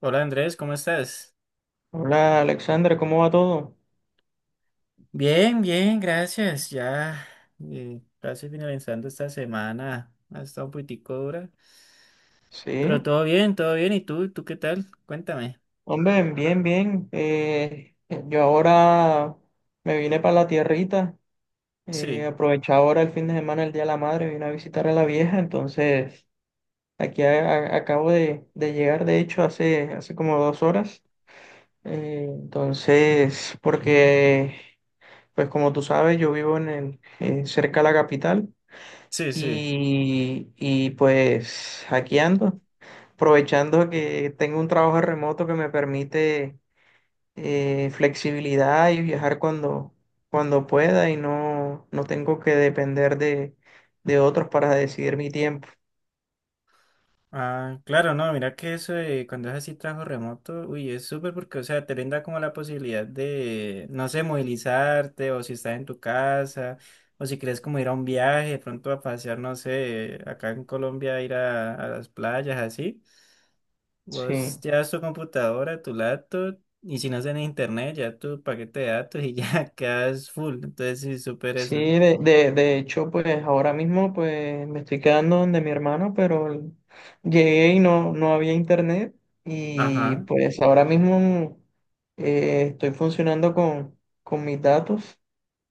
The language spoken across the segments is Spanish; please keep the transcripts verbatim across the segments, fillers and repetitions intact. Hola Andrés, ¿cómo estás? Hola Alexandra, ¿cómo va todo? Bien, bien, gracias. Ya eh, casi finalizando esta semana. Ha estado un poquitico dura. Pero Sí, todo bien, todo bien. ¿Y tú? ¿Tú qué tal? Cuéntame. hombre, bien, bien. Eh, yo ahora me vine para la tierrita, eh, Sí, aproveché ahora el fin de semana, el Día de la Madre, vine a visitar a la vieja, entonces aquí a- a- acabo de, de llegar, de hecho, hace, hace como dos horas. Eh, entonces, porque, pues como tú sabes, yo vivo en el, eh, cerca de la capital sí, sí. y, y pues aquí ando. Aprovechando que tengo un trabajo remoto que me permite eh, flexibilidad y viajar cuando, cuando pueda y no, no tengo que depender de, de otros para decidir mi tiempo. Ah, claro, no, mira que eso de cuando es así trabajo remoto, uy, es súper porque, o sea, te brinda como la posibilidad de, no sé, movilizarte o si estás en tu casa o si quieres como ir a un viaje, de pronto a pasear, no sé, acá en Colombia, ir a, a las playas, así. Sí, Vos llevas tu computadora, tu laptop, y si no es en internet, ya tu paquete de datos y ya quedas full. Entonces, sí, súper sí, eso. de, de, de hecho, pues ahora mismo pues me estoy quedando donde mi hermano, pero l- llegué y no, no había internet y Ajá, pues ahora mismo eh, estoy funcionando con, con mis datos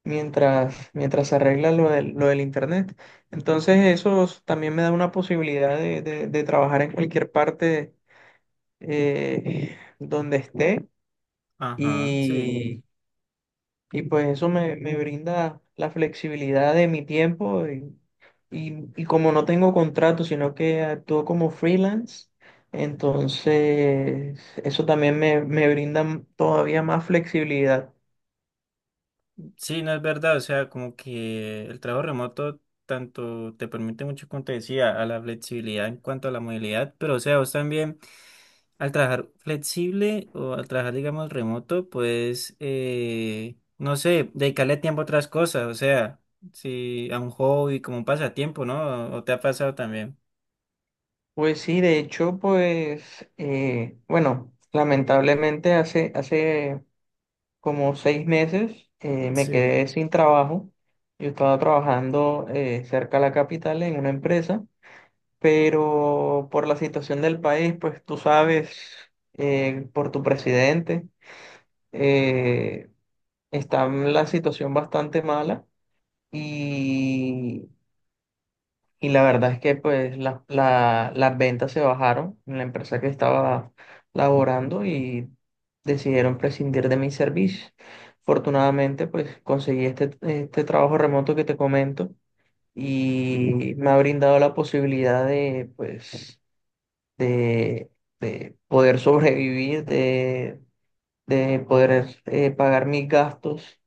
mientras, mientras se arregla lo del, lo del internet. Entonces eso s- también me da una posibilidad de, de- de trabajar en cualquier parte eh, donde esté ajá, sí. y, y pues eso me, me brinda la flexibilidad de mi tiempo y, y- y como no tengo contrato, sino que actúo como freelance. Entonces, eso también me, me brinda todavía más flexibilidad. Sí, no es verdad. O sea, como que el trabajo remoto tanto te permite mucho, como te decía, a la flexibilidad en cuanto a la movilidad, pero o sea, vos también. Al trabajar flexible o al trabajar, digamos, remoto, pues, eh, no sé, dedicarle tiempo a otras cosas, o sea, si a un hobby, como un pasatiempo, ¿no? ¿O te ha pasado también? Pues sí, de hecho, pues, eh, bueno, lamentablemente hace, hace como seis meses eh, me Sí, quedé sin trabajo. Yo estaba trabajando eh, cerca de la capital en una empresa, pero por la situación del país, pues tú sabes, eh, por tu presidente, eh, está la situación bastante mala y Y la verdad es que pues la- la- las ventas se bajaron en la empresa que estaba laborando y decidieron prescindir de mis servicios. Afortunadamente pues conseguí este, este trabajo remoto que te comento y me ha brindado la posibilidad de pues de, de poder sobrevivir, de, de poder eh, pagar mis gastos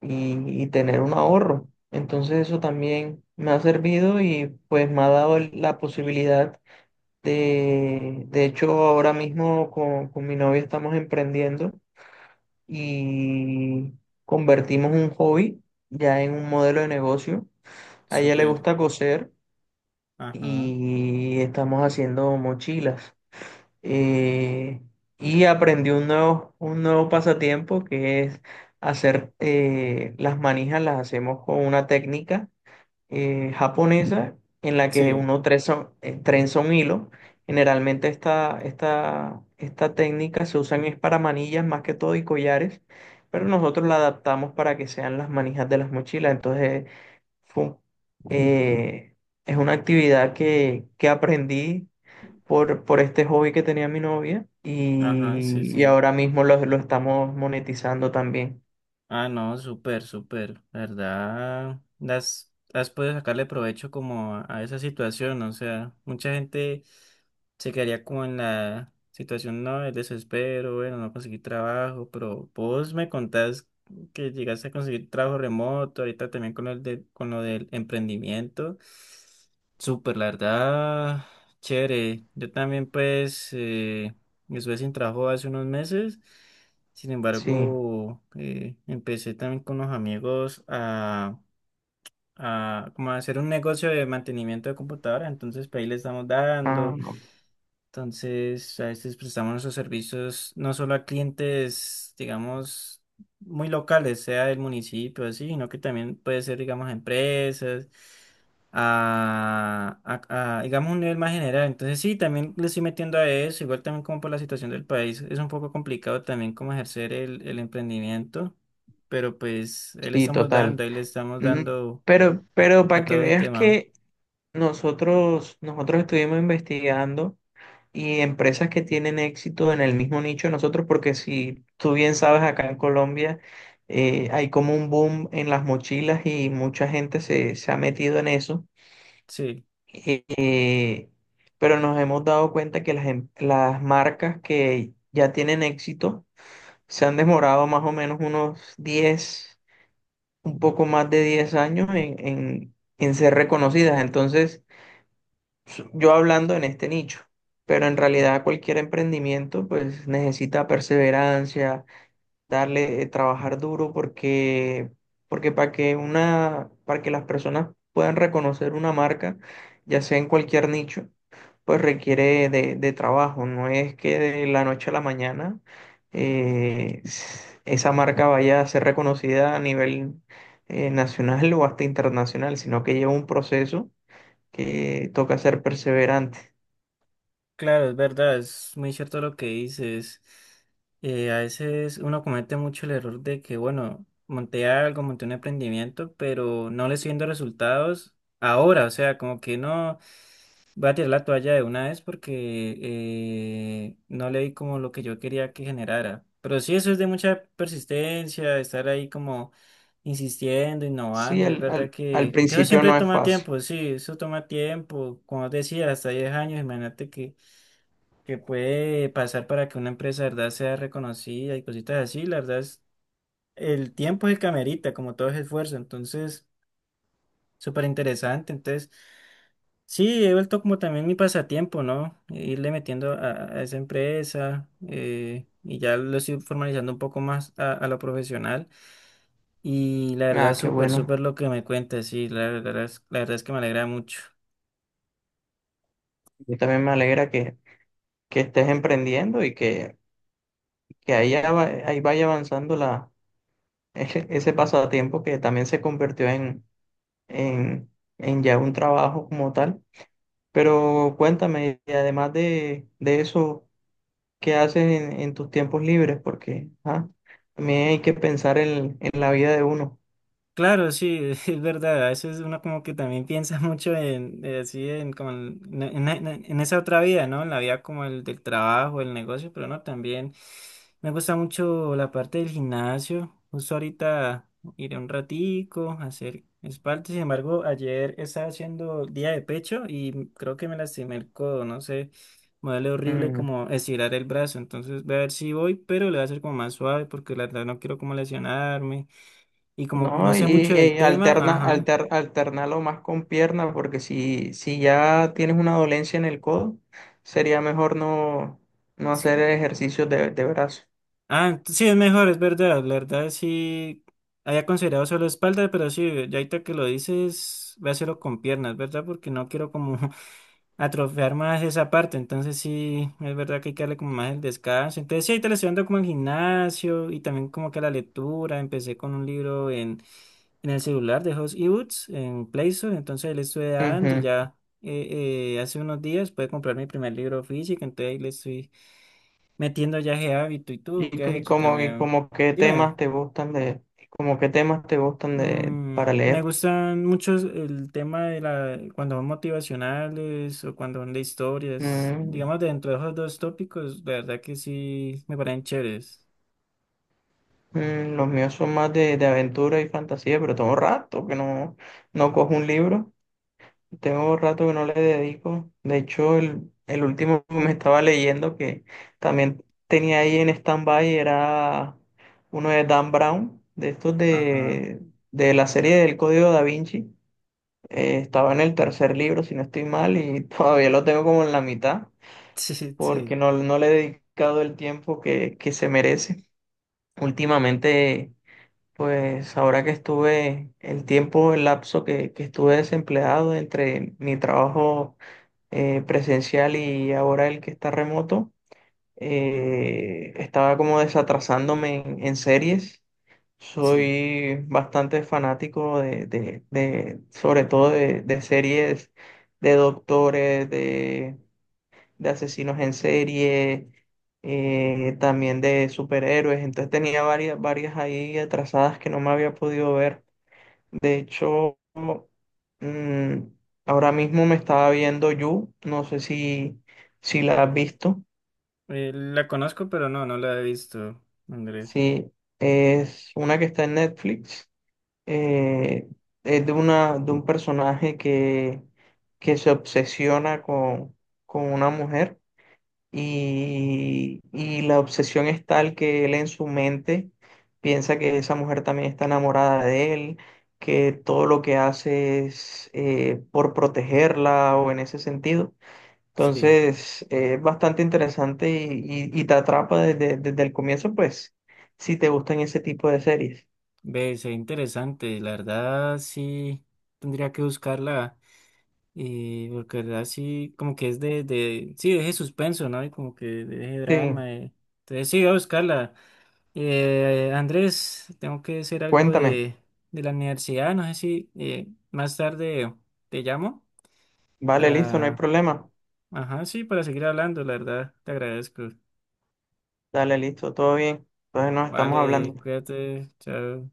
y, y tener un ahorro. Entonces eso también me ha servido y pues me ha dado el- la posibilidad de, de hecho ahora mismo con, con mi novia estamos emprendiendo y convertimos un hobby ya en un modelo de negocio. A ella le súper. gusta coser Ajá. y estamos haciendo mochilas, eh, y aprendí un nuevo, un nuevo pasatiempo que es hacer eh, las manijas, las hacemos con una técnica eh, japonesa en la que Sí, uno trenza, eh, trenza un hilo. Generalmente esta, esta, esta técnica se usa es para manillas más que todo y collares, pero nosotros la adaptamos para que sean las manijas de las mochilas. Entonces, fue un- eh, es una actividad que, que aprendí por, por este hobby que tenía mi novia ajá, sí, y, y sí. ahora mismo lo, lo estamos monetizando también. Ah, no, súper, súper, la ¿verdad? Las, has podido sacarle provecho como a, a esa situación, o sea, mucha gente se quedaría como en la situación, no, el desespero, bueno, no conseguí trabajo, pero vos me contás que llegaste a conseguir trabajo remoto, ahorita también con el de, con lo del emprendimiento, súper, la verdad, chévere, yo también pues eh, estuve sin trabajo hace unos meses. Sin Sí, embargo, eh, empecé también con unos amigos a, a como a hacer un negocio de mantenimiento de computadoras. Entonces, pues ahí le estamos ah, dando. Entonces, a veces prestamos nuestros servicios no solo a clientes, digamos, muy locales, sea del municipio, así, sino que también puede ser, digamos, a empresas, a, a- a, digamos, un nivel más general. Entonces, sí, también le estoy metiendo a eso, igual también como por la situación del país, es un poco complicado también como ejercer el, el emprendimiento, pero pues ahí le sí, estamos dando, total. ahí le estamos Mm. dando Pero, pero para a que todo el veas tema, que nosotros, nosotros estuvimos investigando y empresas que tienen éxito en el mismo nicho de nosotros, porque si tú bien sabes, acá en Colombia eh, hay como un boom en las mochilas y mucha gente se, se ha metido en eso. sí. eh, pero nos hemos dado cuenta que las, em- las marcas que ya tienen éxito se han demorado más o menos unos diez un poco más de diez años en, en, en ser reconocidas. Entonces, su- yo hablando en este nicho, pero en realidad cualquier emprendimiento pues necesita perseverancia, darle, eh, trabajar duro porque, porque para que una, para que las personas puedan reconocer una marca, ya sea en cualquier nicho, pues requiere de, de trabajo. No es que de la noche a la mañana eh, s- esa marca vaya a ser reconocida a nivel eh, nacional o hasta internacional, sino que lleva un proceso que toca ser perseverante. Claro, es verdad, es muy cierto lo que dices. Eh, a veces uno comete mucho el error de que, bueno, monté algo, monté un emprendimiento, pero no le estoy viendo resultados ahora, o sea, como que no voy a tirar la toalla de una vez porque eh, no le di como lo que yo quería que generara. Pero sí, eso es de mucha persistencia, de estar ahí como insistiendo, Sí, innovando, y es al, verdad al, al que, que eso principio siempre no es toma fácil. tiempo, sí, eso toma tiempo, como decía, hasta diez años, imagínate que que puede pasar para que una empresa, de verdad, sea reconocida y cositas así. La verdad es, el tiempo es el que amerita, como todo es esfuerzo. Entonces, súper interesante. Entonces, sí, he vuelto como también mi pasatiempo, ¿no? Irle metiendo a, a esa empresa eh, y ya lo estoy formalizando un poco más a, a lo profesional. Y la verdad, Ah, qué súper, bueno. súper lo que me cuentas, sí, la verdad es, la verdad es que me alegra mucho. Yo también me alegra que que estés emprendiendo y que, que ahí, ya ahí vaya avanzando la, ese, ese pasatiempo que también se convirtió en, en, en ya un trabajo como tal. Pero cuéntame, y además de, de eso, ¿qué haces en, en tus tiempos libres? Porque ah, también hay que pensar en, en la vida de uno. Claro, sí, es verdad. A veces uno como que también piensa mucho en eh, así en como en, en- en- en esa otra vida, ¿no? En la vida como el del trabajo, el negocio, pero no, también me gusta mucho la parte del gimnasio. Justo ahorita iré un ratico a hacer espalda. Sin embargo, ayer estaba haciendo día de pecho y creo que me lastimé el codo, no sé. Me duele horrible como estirar el brazo, entonces voy a ver si voy, pero le voy a hacer como más suave porque la verdad no quiero como lesionarme. Y como no ¿No? sé Y mucho del eh, tema, alterna, ajá. alter, alternalo más con pierna, porque si, si ya tienes una dolencia en el codo, sería mejor no, no S- hacer ejercicios de, de brazo. Ah, ent- sí, es mejor, es verdad. La verdad, sí. Había considerado solo espalda, pero sí, ya ahorita que lo dices, voy a hacerlo con piernas, ¿verdad? Porque no quiero como atrofiar más esa parte. Entonces sí, es verdad que hay que darle como más el descanso. Entonces sí, ahí te le estoy dando como al gimnasio y también como que a la lectura. Empecé con un libro en, en el celular de Host Ebooks en Play Store. Entonces ahí le estoy dando y Ujú. ya eh, eh, hace unos días pude comprar mi primer libro físico. Entonces ahí le estoy metiendo ya ese hábito. ¿Y tú ¿Y, qué co- has y hecho como, y también? como qué Dime. temas te gustan de, como qué temas te gustan de, Mm, para me leer? gustan mucho el tema de la, cuando son motivacionales o cuando son de historias. Mm, Digamos, dentro de esos dos tópicos, la verdad que sí me parecen chéveres. mm, los míos son más de, de aventura y fantasía, pero tengo rato que no, no cojo un libro. Tengo rato que no le dedico. De hecho, el, el último que me estaba leyendo que también tenía ahí en stand-by era uno de Dan Brown, de estos Ajá. de, de la serie del Código Da Vinci. Eh, estaba en el tercer libro, si no estoy mal, y todavía lo tengo como en la mitad, Sí, porque sí, no, no le he dedicado el tiempo que, que se merece. Últimamente, pues ahora que estuve, el tiempo, el lapso que, que estuve desempleado entre mi trabajo eh, presencial y ahora el que está remoto, eh, estaba como desatrasándome en, en series. sí. Soy bastante fanático de, de- de- sobre todo de, de series de doctores, de, de asesinos en serie, eh, también de superhéroes. Entonces tenía varias, varias ahí atrasadas que no me había podido ver. De hecho, mm, ahora mismo me estaba viendo You, no sé si, si la has visto. Eh, la conozco, pero no, no la he visto, Andrés. Sí, es una que está en Netflix. eh, es de, una, de un personaje que, que se obsesiona con, con una mujer y, y la obsesión es tal que él en su mente piensa que esa mujer también está enamorada de él, que todo lo que hace es eh, por protegerla o en ese sentido. Sí, Entonces, eh, es bastante interesante y, y- y te atrapa desde, desde el comienzo, pues, si te gustan ese tipo de series. ve, se interesante. La verdad, sí, tendría que buscarla. Eh, porque la verdad, sí, como que es de, de, sí, deje suspenso, ¿no? Y como que deje Sí, drama. eh. Entonces, sí, voy a buscarla. Eh, Andrés, tengo que hacer algo cuéntame. de, de la universidad. No sé si eh, más tarde te llamo Vale, listo, no hay para... problema. Ajá, sí, para seguir hablando, la verdad. Te agradezco. Dale, listo, todo bien. Entonces nos estamos hablando. Vale, cuídate. Chao.